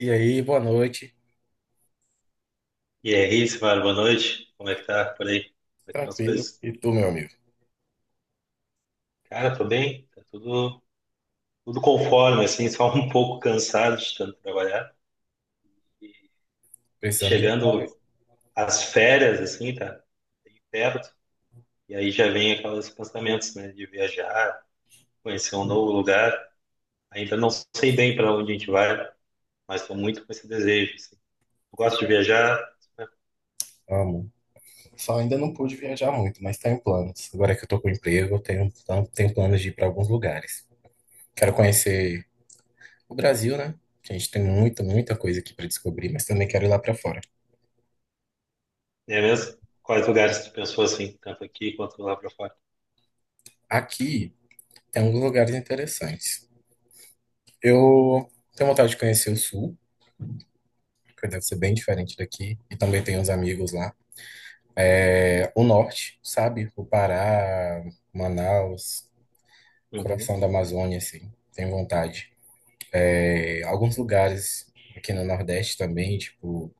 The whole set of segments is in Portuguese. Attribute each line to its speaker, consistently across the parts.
Speaker 1: E aí, boa noite.
Speaker 2: E aí, Simara, boa noite. Como é que tá por aí? Como é que estão as
Speaker 1: Tranquilo.
Speaker 2: coisas?
Speaker 1: E tu, meu amigo?
Speaker 2: Cara, tô bem, tá tudo conforme, assim, só um pouco cansado de tanto trabalhar.
Speaker 1: Precisando viajar,
Speaker 2: Chegando
Speaker 1: né?
Speaker 2: às férias, assim, tá bem perto, e aí já vem aqueles pensamentos, né, de viajar, conhecer um novo lugar. Ainda não sei bem para onde a gente vai, mas tô muito com esse desejo, assim. Eu gosto de viajar, né,
Speaker 1: Amo. Só ainda não pude viajar muito, mas tá em planos. Agora que eu tô com emprego, eu tenho, então, tenho planos de ir para alguns lugares. Quero conhecer o Brasil, né? Que a gente tem muita, muita coisa aqui para descobrir, mas também quero ir lá para fora.
Speaker 2: é mesmo? Quais lugares tu pensou, assim, tanto aqui quanto lá para fora?
Speaker 1: Aqui tem alguns lugares interessantes. Eu tenho vontade de conhecer o Sul, que deve ser bem diferente daqui, e também tenho uns amigos lá. É, o Norte, sabe? O Pará, Manaus.
Speaker 2: Uhum.
Speaker 1: Coração da Amazônia, assim, tenho vontade. É, alguns lugares aqui no Nordeste também, tipo,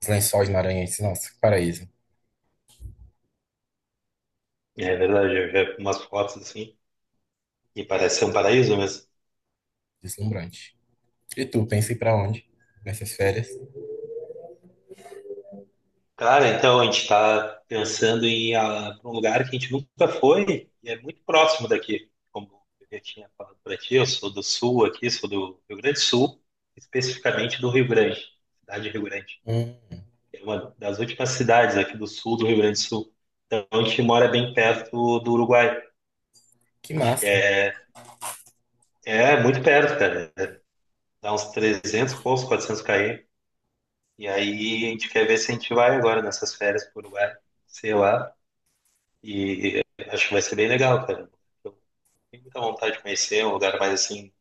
Speaker 1: os Lençóis Maranhenses, nossa, que paraíso,
Speaker 2: É verdade, eu já vi umas fotos, assim. E parece ser um paraíso mesmo.
Speaker 1: deslumbrante. E tu, pensa em ir pra onde nessas férias?
Speaker 2: Cara, então a gente está pensando em ir pra um lugar que a gente nunca foi e é muito próximo daqui. Como eu já tinha falado para ti, eu sou do sul aqui, sou do Rio Grande do Sul, especificamente do Rio Grande, cidade de Rio Grande.
Speaker 1: Hum,
Speaker 2: É uma das últimas cidades aqui do sul do Rio Grande do Sul. Então a gente mora bem perto do Uruguai. A
Speaker 1: que
Speaker 2: gente
Speaker 1: massa,
Speaker 2: é muito perto, cara. Dá uns 300, e poucos, 400 km. E aí a gente quer ver se a gente vai agora nessas férias pro Uruguai, sei lá. E acho que vai ser bem legal, cara. Eu tenho muita vontade de conhecer um lugar mais assim,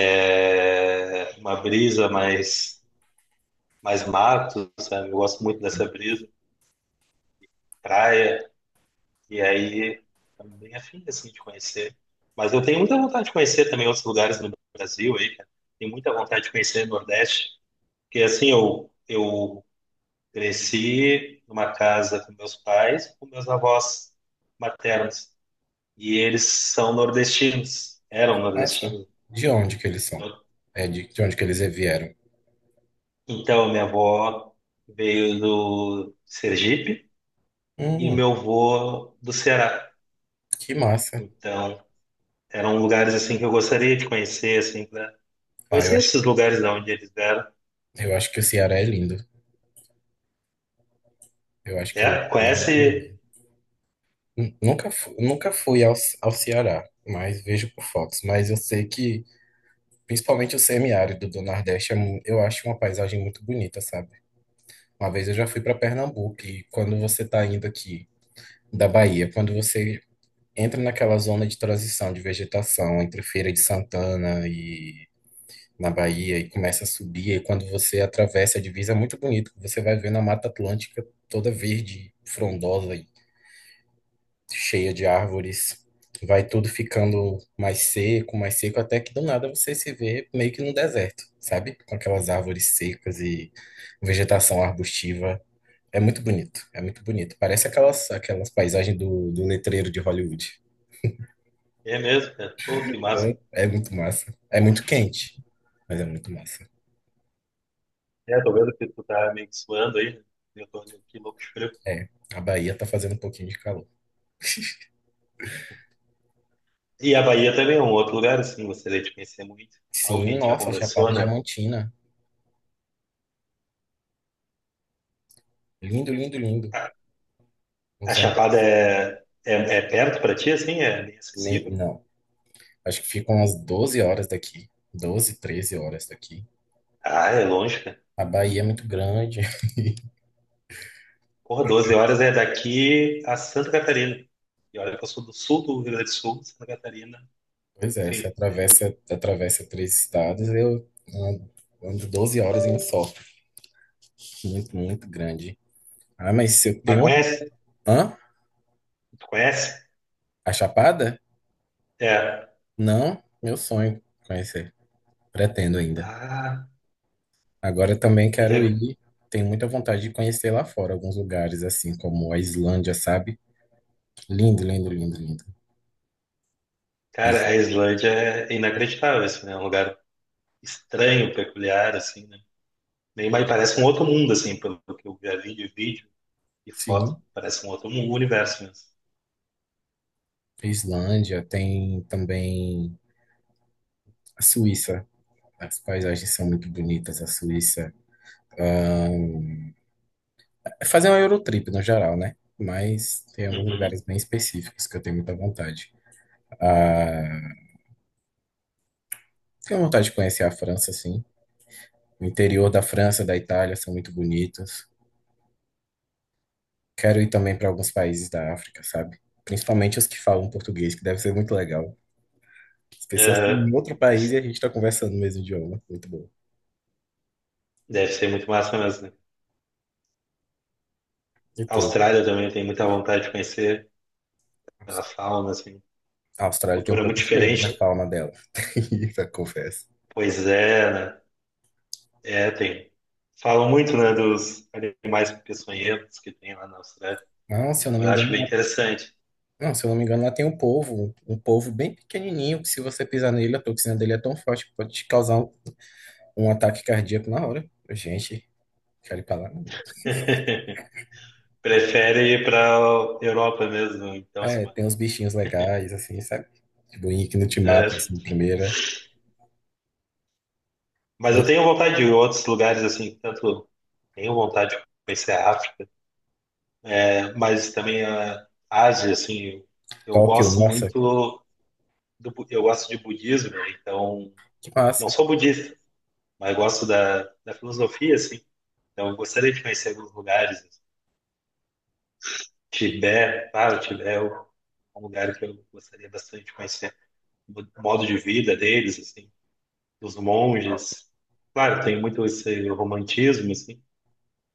Speaker 2: é, uma brisa mais mato, sabe? Eu gosto muito dessa brisa, praia, e aí tô bem afim assim, de conhecer. Mas eu tenho muita vontade de conhecer também outros lugares no Brasil aí, cara. Tenho muita vontade de conhecer o Nordeste, porque assim, eu cresci numa casa com meus pais, com meus avós maternos, e eles são nordestinos, eram
Speaker 1: massa.
Speaker 2: nordestinos.
Speaker 1: De onde que eles são? É, de onde que eles vieram?
Speaker 2: Então, minha avó veio do Sergipe e
Speaker 1: Hum,
Speaker 2: meu avô do Ceará.
Speaker 1: que massa.
Speaker 2: Então, eram lugares assim que eu gostaria de conhecer, assim, pra
Speaker 1: Ah, eu
Speaker 2: conhecer
Speaker 1: acho,
Speaker 2: esses lugares de onde eles vieram.
Speaker 1: eu acho que o Ceará é lindo. Eu acho que ele é
Speaker 2: É,
Speaker 1: muito lindo.
Speaker 2: conhece?
Speaker 1: Nunca fui ao Ceará, mas vejo por fotos. Mas eu sei que principalmente o semiárido do Nordeste, eu acho uma paisagem muito bonita, sabe? Uma vez eu já fui para Pernambuco e quando você tá indo aqui da Bahia, quando você entra naquela zona de transição de vegetação entre Feira de Santana e na Bahia e começa a subir, e quando você atravessa a divisa é muito bonito, você vai vendo a Mata Atlântica toda verde, frondosa, cheia de árvores, vai tudo ficando mais seco, até que do nada você se vê meio que num deserto, sabe? Com aquelas árvores secas e vegetação arbustiva. É muito bonito, é muito bonito. Parece aquelas paisagens do letreiro de Hollywood.
Speaker 2: É mesmo, cara. Pô, que massa.
Speaker 1: Então, é muito massa. É muito quente, mas é muito massa.
Speaker 2: É, tô vendo que tu tá meio que suando aí, né? Eu tô indo aqui louco de frio.
Speaker 1: É, a Bahia tá fazendo um pouquinho de calor.
Speaker 2: E a Bahia também é um outro lugar, assim, gostaria de conhecer muito. Algo que a
Speaker 1: Sim,
Speaker 2: gente já
Speaker 1: nossa,
Speaker 2: conversou,
Speaker 1: Chapada
Speaker 2: né?
Speaker 1: Diamantina. Lindo, lindo, lindo.
Speaker 2: A,
Speaker 1: Não
Speaker 2: a
Speaker 1: sei,
Speaker 2: Chapada é perto pra ti, assim? É bem
Speaker 1: nem,
Speaker 2: acessível?
Speaker 1: não. Acho que ficam umas 12 horas daqui. 12, 13 horas daqui.
Speaker 2: Ah, é longe, cara.
Speaker 1: A Bahia é muito grande.
Speaker 2: Porra, 12 horas é daqui a Santa Catarina. E olha que eu sou do sul do Rio Grande do Sul, Santa Catarina.
Speaker 1: Pois é, você
Speaker 2: Enfim, é muito.
Speaker 1: atravessa três estados, eu ando 12 horas em um só. Muito, muito grande. Ah, mas se eu
Speaker 2: Mas
Speaker 1: tenho. Um.
Speaker 2: conhece?
Speaker 1: Hã?
Speaker 2: Tu conhece?
Speaker 1: A Chapada?
Speaker 2: É.
Speaker 1: Não, meu sonho conhecer. Pretendo ainda.
Speaker 2: Ah,
Speaker 1: Agora eu também
Speaker 2: que
Speaker 1: quero
Speaker 2: legal.
Speaker 1: ir. Tenho muita vontade de conhecer lá fora alguns lugares, assim como a Islândia, sabe? Lindo, lindo, lindo, lindo. Is-
Speaker 2: Cara, a Islândia é inacreditável, assim, né? É um lugar estranho, peculiar, assim, né? Nem mais parece um outro mundo, assim, pelo que eu já vi ali de vídeo e foto.
Speaker 1: Sim,
Speaker 2: Parece um outro mundo, um universo mesmo.
Speaker 1: Islândia tem também. A Suíça, as paisagens são muito bonitas, a Suíça. Ahn, É fazer uma Eurotrip no geral, né? Mas tem alguns
Speaker 2: Uhum.
Speaker 1: lugares bem específicos que eu tenho muita vontade. Ah, tenho vontade de conhecer a França, sim. O interior da França, da Itália, são muito bonitos. Quero ir também para alguns países da África, sabe? Principalmente os que falam português, que deve ser muito legal. As pessoas estão
Speaker 2: É,
Speaker 1: em outro país e
Speaker 2: deve,
Speaker 1: a gente está conversando no mesmo idioma. Muito bom.
Speaker 2: deve ser muito massa mesmo, né?
Speaker 1: E
Speaker 2: A
Speaker 1: tu?
Speaker 2: Austrália também tem muita vontade de conhecer pela fauna, assim.
Speaker 1: A Austrália tem um
Speaker 2: Cultura muito
Speaker 1: pouco de medo da
Speaker 2: diferente.
Speaker 1: fauna dela. Isso eu confesso.
Speaker 2: Pois é, né? É, tem. Falam muito, né, dos animais peçonhentos que tem lá na Austrália,
Speaker 1: Não, se eu não me
Speaker 2: mas acho
Speaker 1: engano,
Speaker 2: bem
Speaker 1: lá-
Speaker 2: interessante.
Speaker 1: não, se eu não me engano, lá tem um polvo, bem pequenininho, que se você pisar nele, a toxina dele é tão forte que pode te causar um ataque cardíaco na hora. Gente, quero ir pra lá. Não.
Speaker 2: Prefere ir para Europa mesmo, então,
Speaker 1: É,
Speaker 2: assim,
Speaker 1: tem uns bichinhos legais, assim, sabe? Tipo, que não te matam,
Speaker 2: é.
Speaker 1: assim, de primeira.
Speaker 2: Mas
Speaker 1: Foi
Speaker 2: eu tenho vontade de ir em outros lugares, assim, tanto tenho vontade de conhecer a África, né, mas também a Ásia, assim, eu
Speaker 1: Tóquio,
Speaker 2: gosto
Speaker 1: nossa,
Speaker 2: muito eu gosto de budismo, né, então
Speaker 1: que
Speaker 2: não
Speaker 1: massa.
Speaker 2: sou budista, mas gosto da, da filosofia, assim, então eu gostaria de conhecer alguns lugares. Tibete, claro, Tibete é um lugar que eu gostaria bastante de conhecer. O modo de vida deles, assim, dos monges. Claro, tem muito esse romantismo, assim,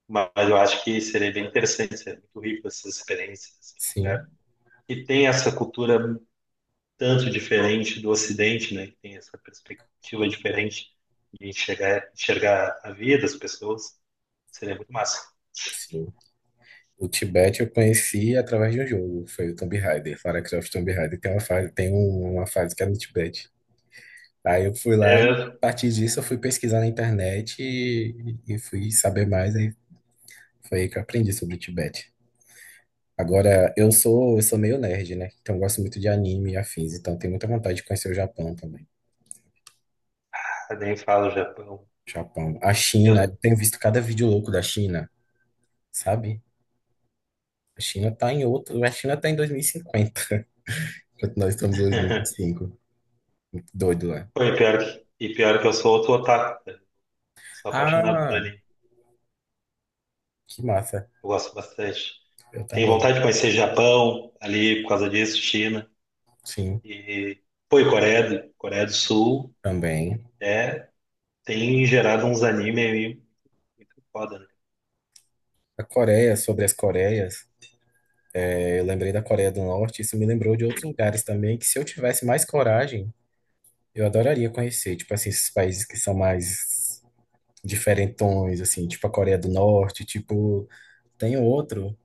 Speaker 2: mas eu acho que seria bem interessante, seria muito rico essas experiências, assim,
Speaker 1: Sim,
Speaker 2: um e tem essa cultura tanto diferente do Ocidente, né? Que tem essa perspectiva diferente de enxergar a vida, as pessoas. Seria muito massa.
Speaker 1: sim. O Tibete eu conheci através de um jogo, foi o Tomb Raider, Lara Croft Tomb Raider. Tem uma fase, tem uma fase que é no Tibete. Aí eu fui lá e
Speaker 2: É,
Speaker 1: a partir disso eu fui pesquisar na internet e fui saber mais, aí foi aí que eu aprendi sobre o Tibete. Agora, eu sou meio nerd, né? Então eu gosto muito de anime e afins, então tenho muita vontade de conhecer o Japão também.
Speaker 2: nem falo Japão.
Speaker 1: Japão. A China,
Speaker 2: Eu,
Speaker 1: eu tenho visto cada vídeo louco da China, sabe? A China tá em 2050, enquanto nós estamos em 2025. Doido lá.
Speaker 2: pô, e pior que eu sou outro otaku. Sou apaixonado por
Speaker 1: Ah,
Speaker 2: ali.
Speaker 1: que massa.
Speaker 2: Eu gosto bastante.
Speaker 1: Eu
Speaker 2: Tenho
Speaker 1: também.
Speaker 2: vontade de conhecer Japão ali por causa disso, China.
Speaker 1: Sim,
Speaker 2: E, pô, e Coreia do Sul
Speaker 1: também.
Speaker 2: é, tem gerado uns anime aí muito foda, né?
Speaker 1: A Coreia, sobre as Coreias. Eu lembrei da Coreia do Norte, isso me lembrou de outros lugares também, que se eu tivesse mais coragem, eu adoraria conhecer, tipo assim, esses países que são mais diferentões, assim, tipo a Coreia do Norte, tipo, tem outro,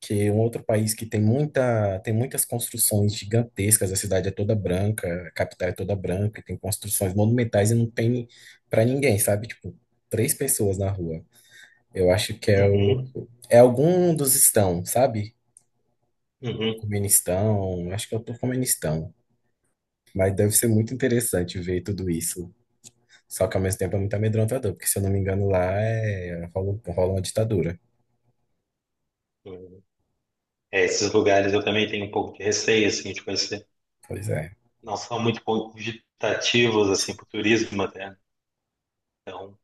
Speaker 1: que é um outro país que tem muita, tem muitas construções gigantescas, a cidade é toda branca, a capital é toda branca, tem construções monumentais e não tem pra ninguém, sabe? Tipo, três pessoas na rua. Eu acho que é o,
Speaker 2: Uhum,
Speaker 1: é algum dos estão, sabe?
Speaker 2: uhum,
Speaker 1: Turcomenistão, acho que é o Turcomenistão. Mas deve ser muito interessante ver tudo isso. Só que ao mesmo tempo é muito amedrontador, porque se eu não me engano lá é... rola uma ditadura.
Speaker 2: uhum. É, esses lugares eu também tenho um pouco de receio, assim, de conhecer.
Speaker 1: Pois é.
Speaker 2: Não são muito convidativos, assim, para o turismo até. Então,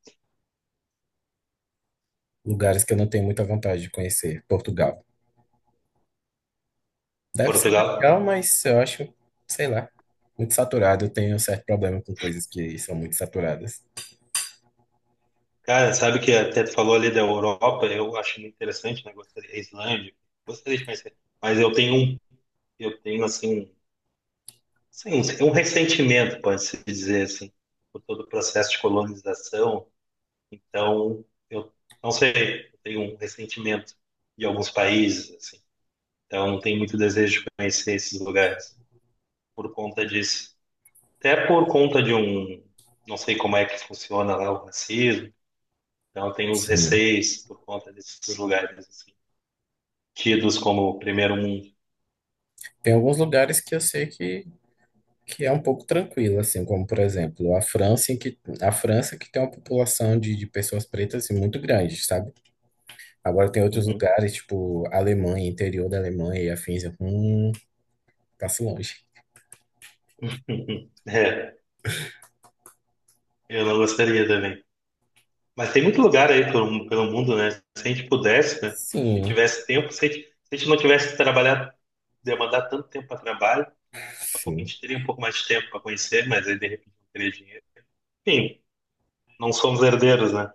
Speaker 1: Lugares que eu não tenho muita vontade de conhecer. Portugal. Deve ser
Speaker 2: Portugal.
Speaker 1: legal, mas eu acho, sei lá, muito saturado. Eu tenho um certo problema com coisas que são muito saturadas.
Speaker 2: Cara, sabe que até tu falou ali da Europa, eu acho muito interessante, né? Gostaria, a Islândia, gostaria de conhecer. Mas eu tenho um eu tenho, assim, sim, um ressentimento, pode-se dizer, assim, por todo o processo de colonização. Então, eu não sei, eu tenho um ressentimento de alguns países, assim. Então, não tenho muito desejo de conhecer esses lugares por conta disso. Até por conta de um, não sei como é que funciona lá o racismo. Então, eu tenho uns
Speaker 1: Sim.
Speaker 2: receios por conta desses lugares, assim, tidos como primeiro mundo.
Speaker 1: Tem alguns lugares que eu sei que é um pouco tranquilo, assim, como por exemplo a França que tem uma população de pessoas pretas assim, muito grande, sabe? Agora tem outros
Speaker 2: Uhum.
Speaker 1: lugares, tipo Alemanha, interior da Alemanha e afins. Passa longe.
Speaker 2: É, eu não gostaria também. Mas tem muito lugar aí pelo, pelo mundo, né? Se a gente pudesse, né? Se a gente
Speaker 1: Sim,
Speaker 2: tivesse tempo, se a gente não tivesse que trabalhar, demandar tanto tempo para trabalho, daqui a pouco a
Speaker 1: sim.
Speaker 2: gente teria um pouco mais de tempo para conhecer, mas aí de repente não teria dinheiro. Enfim, não somos herdeiros, né?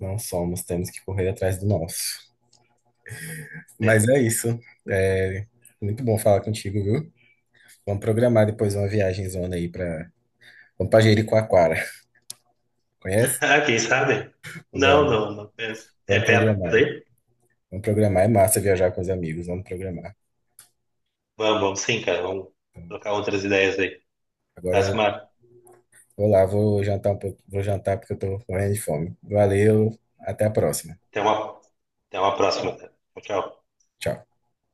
Speaker 1: Não somos, temos que correr atrás do nosso. Mas
Speaker 2: É.
Speaker 1: é isso. É muito bom falar contigo, viu? Vamos programar depois uma viagem zona aí pra. Vamos pra Jericoacoara. Conhece?
Speaker 2: Ah, quem sabe? Não,
Speaker 1: Vamos,
Speaker 2: não, não penso. É
Speaker 1: vamos
Speaker 2: perto
Speaker 1: programar.
Speaker 2: aí?
Speaker 1: Vamos programar. É massa viajar com os amigos. Vamos programar.
Speaker 2: Vamos, vamos sim, cara. Vamos trocar outras ideias aí.
Speaker 1: Agora
Speaker 2: Tá,
Speaker 1: eu
Speaker 2: Simar?
Speaker 1: vou lá, vou jantar um pouco, vou jantar porque eu tô morrendo de fome. Valeu, até a próxima.
Speaker 2: Até uma, até uma próxima, cara. Tchau, tchau.
Speaker 1: Tchau.